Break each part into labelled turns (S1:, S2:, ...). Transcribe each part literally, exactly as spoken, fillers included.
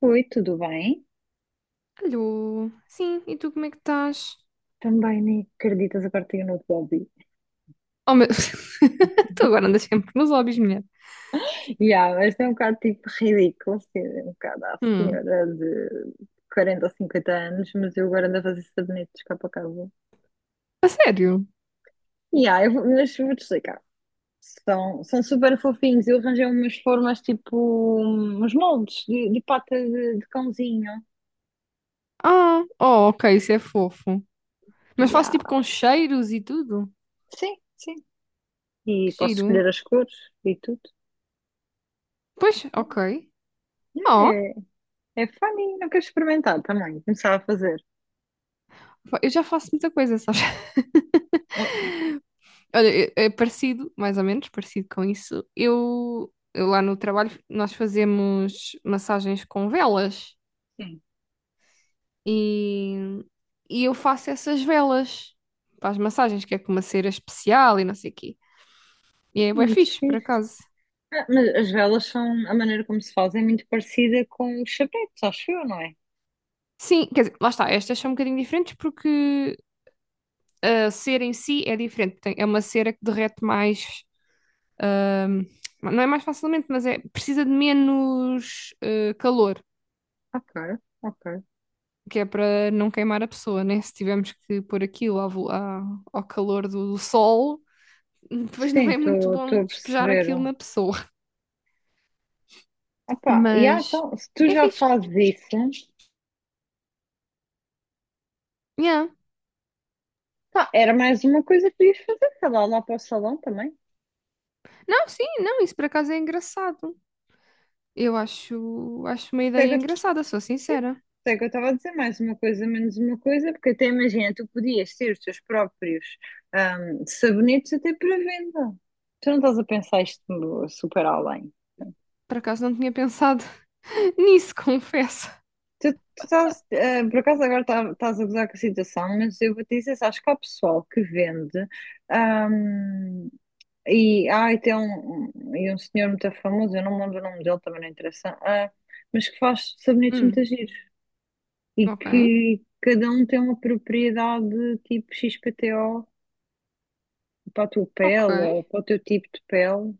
S1: Oi, tudo bem?
S2: Alô, sim, e tu como é que estás?
S1: Também nem acreditas, agora tenho um novo hobby.
S2: Oh, meu... Tu agora andas sempre nos hobbies, mulher.
S1: Yeah, mas é um bocado tipo ridículo, assim, um bocado à
S2: Hum,
S1: senhora de quarenta ou cinquenta anos, mas eu agora ando a fazer sabonetes cá para casa.
S2: a sério?
S1: Yeah, eu vou, mas vou-te explicar. São, são super fofinhos. Eu arranjei umas formas, tipo uns moldes de, de pata de, de cãozinho.
S2: Ah, oh, ok, isso é fofo. Mas faço
S1: Yeah.
S2: tipo com cheiros e tudo?
S1: Sim, sim. E
S2: Que
S1: posso
S2: giro.
S1: escolher as cores e tudo.
S2: Pois, ok.
S1: Yeah,
S2: Oh,
S1: é, é funny, não quero experimentar também. Começar a fazer.
S2: eu já faço muita coisa, sabes?
S1: Ah,
S2: Olha, é é parecido, mais ou menos, parecido com isso. Eu, eu lá no trabalho, nós fazemos massagens com velas
S1: sim.
S2: e, e eu faço essas velas para as massagens, que é com uma cera especial e não sei o quê. E é bué
S1: Muito
S2: fixe, por
S1: fixe.
S2: acaso.
S1: Ah, mas as velas são, a maneira como se faz é muito parecida com os chapetes, acho eu, não é?
S2: Sim, quer dizer, lá está, estas são um bocadinho diferentes porque a cera em si é diferente. Tem- é uma cera que derrete mais, ahm, não é mais facilmente, mas é, precisa de menos eh, calor,
S1: Ok, ok.
S2: que é para não queimar a pessoa, né? Se tivermos que pôr aquilo à vo- à- ao calor do, do sol, depois não
S1: Sim,
S2: é muito
S1: estou
S2: bom
S1: a
S2: despejar
S1: perceber.
S2: aquilo na pessoa.
S1: Ah, pá, e ah,
S2: Mas
S1: então, se tu
S2: é
S1: já
S2: fixe.
S1: fazes isso,
S2: Yeah.
S1: pá, era mais uma coisa que podias fazer, sei lá, lá para o salão também.
S2: Não, sim, não, isso por acaso é engraçado. Eu acho, acho uma
S1: Por
S2: ideia
S1: isso é que eu
S2: engraçada, sou sincera.
S1: por isso é que eu estava a dizer, mais uma coisa, menos uma coisa, porque até imagina, tu podias ter os teus próprios, ahm, sabonetes até para venda. Tu não estás a pensar isto super além.
S2: Por acaso não tinha pensado nisso, confesso.
S1: Tu, tu estás, eh, por acaso agora tá- estás a gozar com a situação, mas eu vou te dizer, sabes que há pessoal que vende, ahm, e, ah, e tem um, um, e um senhor muito famoso, eu não me lembro o nome dele, também não interessa, ah, mas que faz sabonetes
S2: Hum,
S1: muito giros e
S2: ok,
S1: que cada um tem uma propriedade tipo X P T O para a tua
S2: ok.
S1: pele ou para o teu tipo de pele.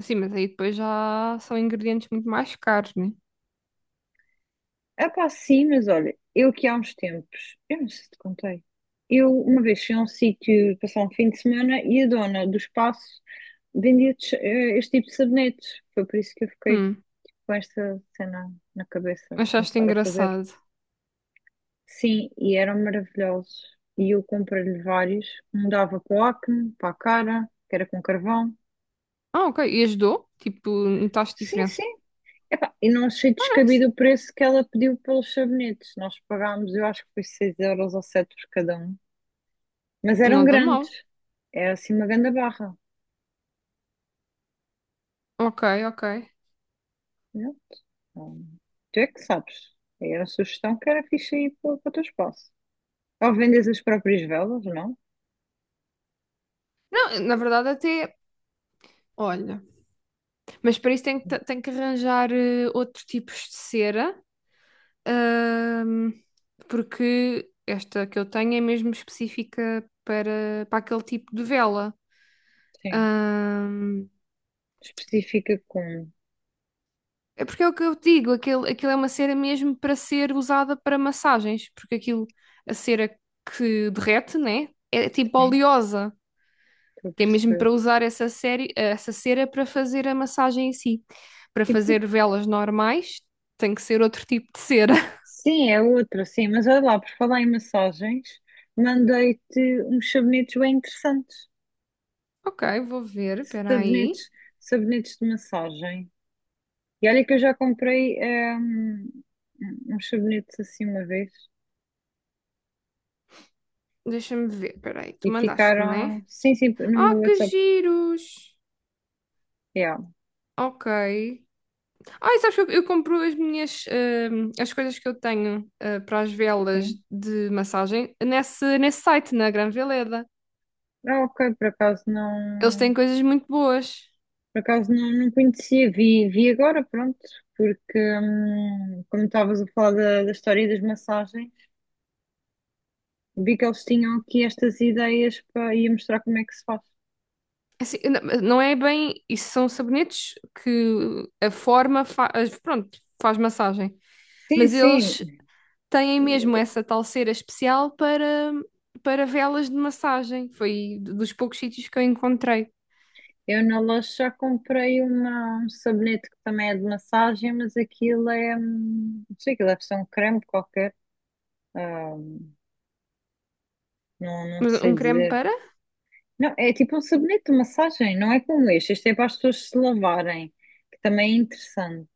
S2: Sim, mas aí depois já são ingredientes muito mais caros, né?
S1: Ah, pá, sim, mas olha, eu que há uns tempos, eu não sei se te contei, eu uma vez fui a um sítio passar um fim de semana e a dona do espaço vendia tes- eh, este tipo de sabonetes. Foi por isso que eu fiquei
S2: Hum,
S1: com esta cena na cabeça de
S2: achaste
S1: começar a fazer.
S2: engraçado.
S1: Sim, e eram maravilhosos. E eu comprei-lhe vários. Um dava para o acne, para a cara, que era com carvão.
S2: Ah, ok. E ajudou? Tipo, notaste
S1: Sim, sim.
S2: diferença?
S1: Epá, e não achei
S2: Ah, nice.
S1: descabido o preço que ela pediu pelos sabonetes. Nós pagámos, eu acho que foi seis euros ou sete por cada um. Mas eram
S2: Não dá
S1: grandes.
S2: mal.
S1: Era assim uma grande barra.
S2: Ok, ok.
S1: Pronto. Hum, Tu é que sabes. Era a sugestão, que era fixe aí para, para o teu espaço. Ou vendes as próprias velas, não?
S2: Não, na verdade até, olha, mas para isso tem que, tem que arranjar eh, outros tipos de cera, ahm, porque esta que eu tenho é mesmo específica para, para aquele tipo de vela.
S1: Sim.
S2: Ahm,
S1: Especifica com.
S2: é porque é o que eu digo, aquilo, aquilo é uma cera mesmo para ser usada para massagens, porque aquilo, a cera que derrete, né? É tipo
S1: Sim,
S2: oleosa,
S1: estou a
S2: que é mesmo
S1: perceber.
S2: para usar essa, série, essa cera para fazer a massagem em si. Para
S1: E por...
S2: fazer velas normais, tem que ser outro tipo de cera.
S1: Sim, é outra, sim. Mas olha lá, por falar em massagens, mandei-te uns sabonetes bem interessantes.
S2: Ok, vou ver, espera aí.
S1: Sabonetes, sabonetes de massagem. E olha que eu já comprei, hum, uns sabonetes assim uma vez.
S2: Deixa-me ver, espera aí, tu
S1: E
S2: mandaste, né?
S1: ficaram, sim, sim,
S2: Ah,
S1: no
S2: que
S1: WhatsApp,
S2: giros!
S1: yeah,
S2: Ok. Ai, sabes que eu, eu compro as minhas, hum, as coisas que eu tenho, ah, para as velas
S1: sim.
S2: de massagem nesse, nesse site, na Gran Veleda.
S1: Ah, ok, por acaso
S2: Eles
S1: não,
S2: têm coisas muito boas.
S1: por acaso não, não conhecia, vi, vi agora, pronto, porque hum, como estavas a falar da, da história e das massagens, vi que eles tinham aqui estas ideias para ia mostrar como é que se faz.
S2: Assim, n- não é bem, isso são sabonetes que a forma faz, pronto, faz massagem.
S1: Sim,
S2: Mas
S1: sim,
S2: eles têm mesmo essa tal cera especial para, para velas de massagem. Foi dos poucos sítios que eu encontrei.
S1: eu na loja já comprei uma, um sabonete que também é de massagem, mas aquilo é, hum, não sei, aquilo deve ser um creme qualquer, ah, não, não
S2: Mas
S1: sei
S2: um creme
S1: dizer.
S2: para?
S1: Não, é tipo um sabonete de massagem, não é como este. Este é para as pessoas se lavarem, que também é interessante.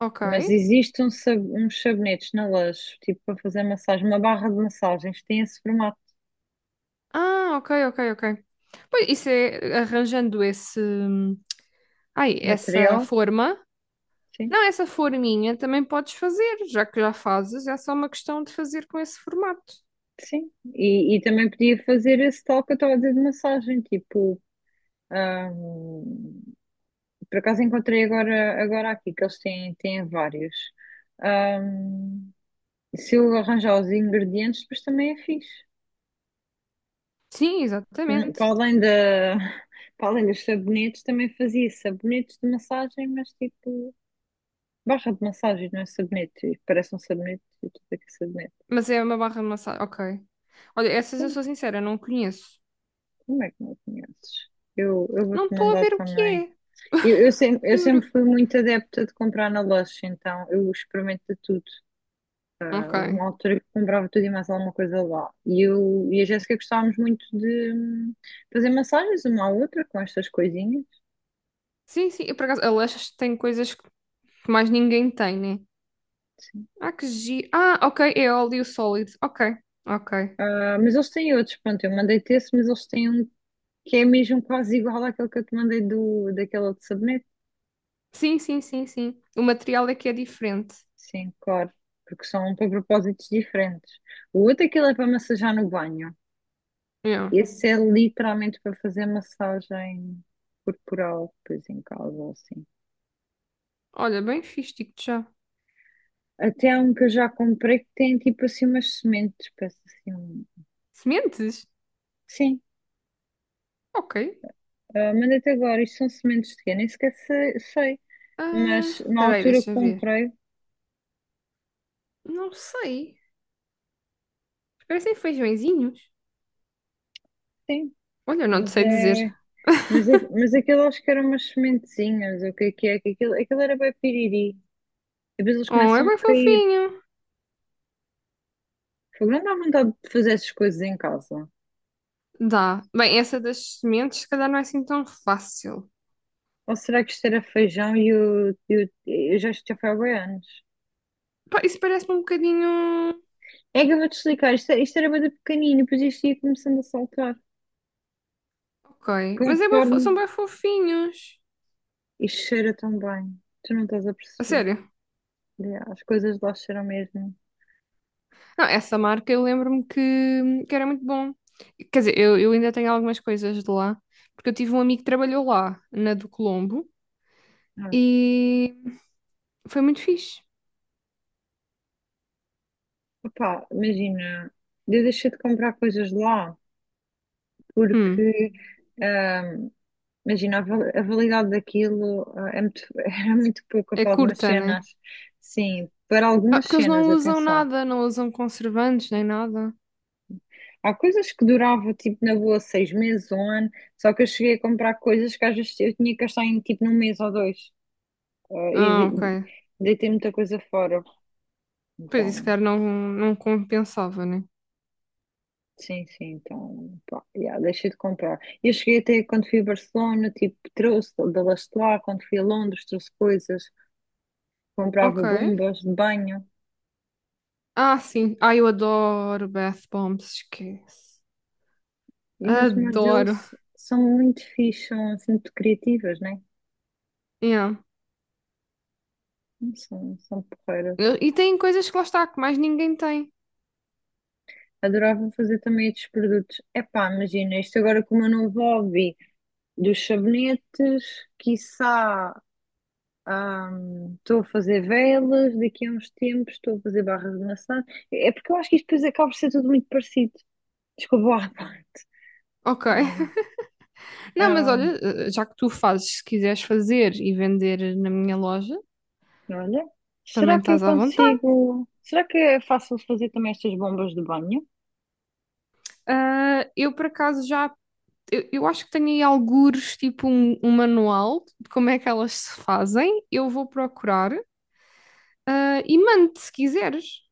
S2: Ok.
S1: Mas existem um sab- uns sabonetes na Lush, tipo para fazer massagem, uma barra de massagens, tem esse formato
S2: Ah, ok, ok, ok. Pois, isso é arranjando esse, ai,
S1: de
S2: essa
S1: material,
S2: forma.
S1: sim,
S2: Não, essa forminha também podes fazer, já que já fazes, é só uma questão de fazer com esse formato.
S1: sim. E, e também podia fazer esse tal que eu estava a dizer de massagem, tipo, ahm, por acaso encontrei agora, agora aqui, que eles têm, têm vários. Ahm, se eu arranjar os ingredientes, depois também é fixe.
S2: Sim,
S1: Não, para
S2: exatamente.
S1: além da, para além dos sabonetes, também fazia sabonetes de massagem, mas tipo, barra de massagem, não é sabonete. Parece um sabonete e tudo aqui é sabonete.
S2: Mas é uma barra de massagem. Ok. Olha, essas eu
S1: Sim,
S2: sou sincera, não conheço.
S1: como é que não conheces? Eu, eu vou-te
S2: Não estou a
S1: mandar
S2: ver o que
S1: também.
S2: é,
S1: Eu, eu sempre, eu
S2: juro.
S1: sempre fui muito adepta de comprar na loja, então eu experimento de tudo. Houve uma
S2: Ok.
S1: altura que comprava tudo e mais alguma coisa lá. E eu e a Jéssica gostávamos muito de, hum, fazer massagens uma à outra com estas coisinhas.
S2: Sim, sim. Eu, por acaso, Aleixas tem coisas que mais ninguém tem, né?
S1: Sim.
S2: Ah, que giro. Ah, ok, é óleo sólido. Ok, ok.
S1: Ah, mas eles têm outros, pronto, eu mandei-te esse, mas eles têm um que é mesmo quase igual àquele que eu te mandei do, daquele outro sabonete.
S2: Sim, sim, sim, sim. O material é que é diferente.
S1: Sim, claro, porque são para propósitos diferentes. O outro, aquele é para massajar no banho.
S2: Yeah.
S1: Esse é literalmente para fazer massagem corporal, depois em casa ou assim.
S2: Olha, bem fixe, digo-te já.
S1: Até há um que eu já comprei que tem tipo assim umas sementes, parece assim. um-
S2: Sementes?
S1: Sim,
S2: Ok.
S1: ah, mandei-te agora, isto são sementes de quê? Nem sequer sei, sei.
S2: Ah,
S1: Mas na
S2: espera aí,
S1: altura que
S2: deixa ver.
S1: comprei,
S2: Não sei. Parecem feijõezinhos.
S1: sim.
S2: Olha, não te
S1: Mas
S2: sei
S1: é.
S2: dizer.
S1: Mas, aqu- mas aquilo acho que eram umas sementezinhas, o que é que é? Que Aquilo, aquilo era bem piriri. E depois eles
S2: Oh, é
S1: começam a
S2: bem
S1: cair.
S2: fofinho.
S1: Fogo, não dá vontade de fazer essas coisas em casa.
S2: Dá. Bem, essa das sementes, se calhar não é assim tão fácil.
S1: Ou será que isto era feijão e o, e o- eu já isto já foi há bué anos?
S2: Pá, isso parece-me um bocadinho.
S1: É que eu vou desligar, isto, é- isto era bem pequenino, e depois isto ia começando a saltar.
S2: Ok. Mas é bué fo-
S1: Conforme
S2: são bem fofinhos.
S1: isto cheira tão bem. Tu não estás a
S2: A
S1: perceber.
S2: sério.
S1: Yeah, as coisas lá cheiram mesmo.
S2: Não, essa marca eu lembro-me que, que era muito bom. Quer dizer, eu, eu ainda tenho algumas coisas de lá, porque eu tive um amigo que trabalhou lá, na do Colombo.
S1: Ah,
S2: E foi muito fixe.
S1: opá, imagina, eu deixei de comprar coisas lá
S2: Hum,
S1: porque. ah, Imagina, a val- a validade daquilo, ah, é muito, era muito pouca
S2: é
S1: para algumas
S2: curta, né?
S1: cenas. Sim, para
S2: Ah,
S1: algumas
S2: porque eles
S1: cenas,
S2: não usam
S1: atenção.
S2: nada, não usam conservantes nem nada.
S1: Há coisas que duravam, tipo, na boa, seis meses, um ano, só que eu cheguei a comprar coisas que às vezes eu tinha que gastar em, tipo, num mês ou dois. Ah, e
S2: Ah, ok.
S1: de- deitei muita coisa fora.
S2: Pois isso,
S1: Então,
S2: cara, não, não compensava, né?
S1: sim, sim, então, pá, yeah, deixei de comprar. Eu cheguei até, quando fui a Barcelona, tipo, trouxe da lá, quando fui a Londres, trouxe coisas, comprava
S2: Ok.
S1: bombas de banho.
S2: Ah, sim. Ah, eu adoro bath bombs, esquece.
S1: E os modelos
S2: Adoro.
S1: são muito fixos, são assim, muito criativas, né?
S2: Yeah.
S1: São, são porreiras.
S2: E tem coisas que lá está, que mais ninguém tem.
S1: Adorava fazer também estes produtos. Epá, imagina, isto agora com o meu novo hobby dos sabonetes, quiçá, hum, estou a fazer velas, daqui a uns tempos estou a fazer barras de maçã. É porque eu acho que isto depois acaba por ser tudo muito parecido. Desculpa lá.
S2: Ok.
S1: Né?
S2: Não, mas
S1: Hum,
S2: olha, eh, já que tu fazes, se quiseres fazer e vender na minha loja,
S1: olha,
S2: também
S1: será que eu
S2: estás à vontade.
S1: consigo... Será que é fácil fazer também estas bombas de banho?
S2: Ah, eu, por acaso, já eu, eu acho que tenho aí algures, tipo um, um manual de como é que elas se fazem. Eu vou procurar, ah, e mando se quiseres.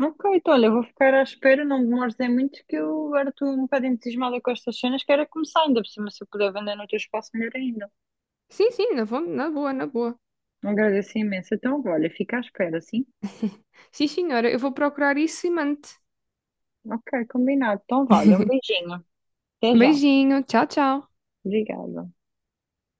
S1: Ok, então olha, eu vou ficar à espera, não me demores é muito, que eu agora estou um bocado entusiasmada com estas cenas, quero é começar, ainda por cima, se eu puder vender no teu espaço, melhor ainda.
S2: Sim, sim, na, vo- na boa, na boa.
S1: Agradeço imenso. Então, olha, fica à espera, sim?
S2: Sim, senhora, eu vou procurar isso e mando.
S1: Ok, combinado. Então, vale, um beijinho. Até já.
S2: Beijinho, tchau, tchau.
S1: Obrigada.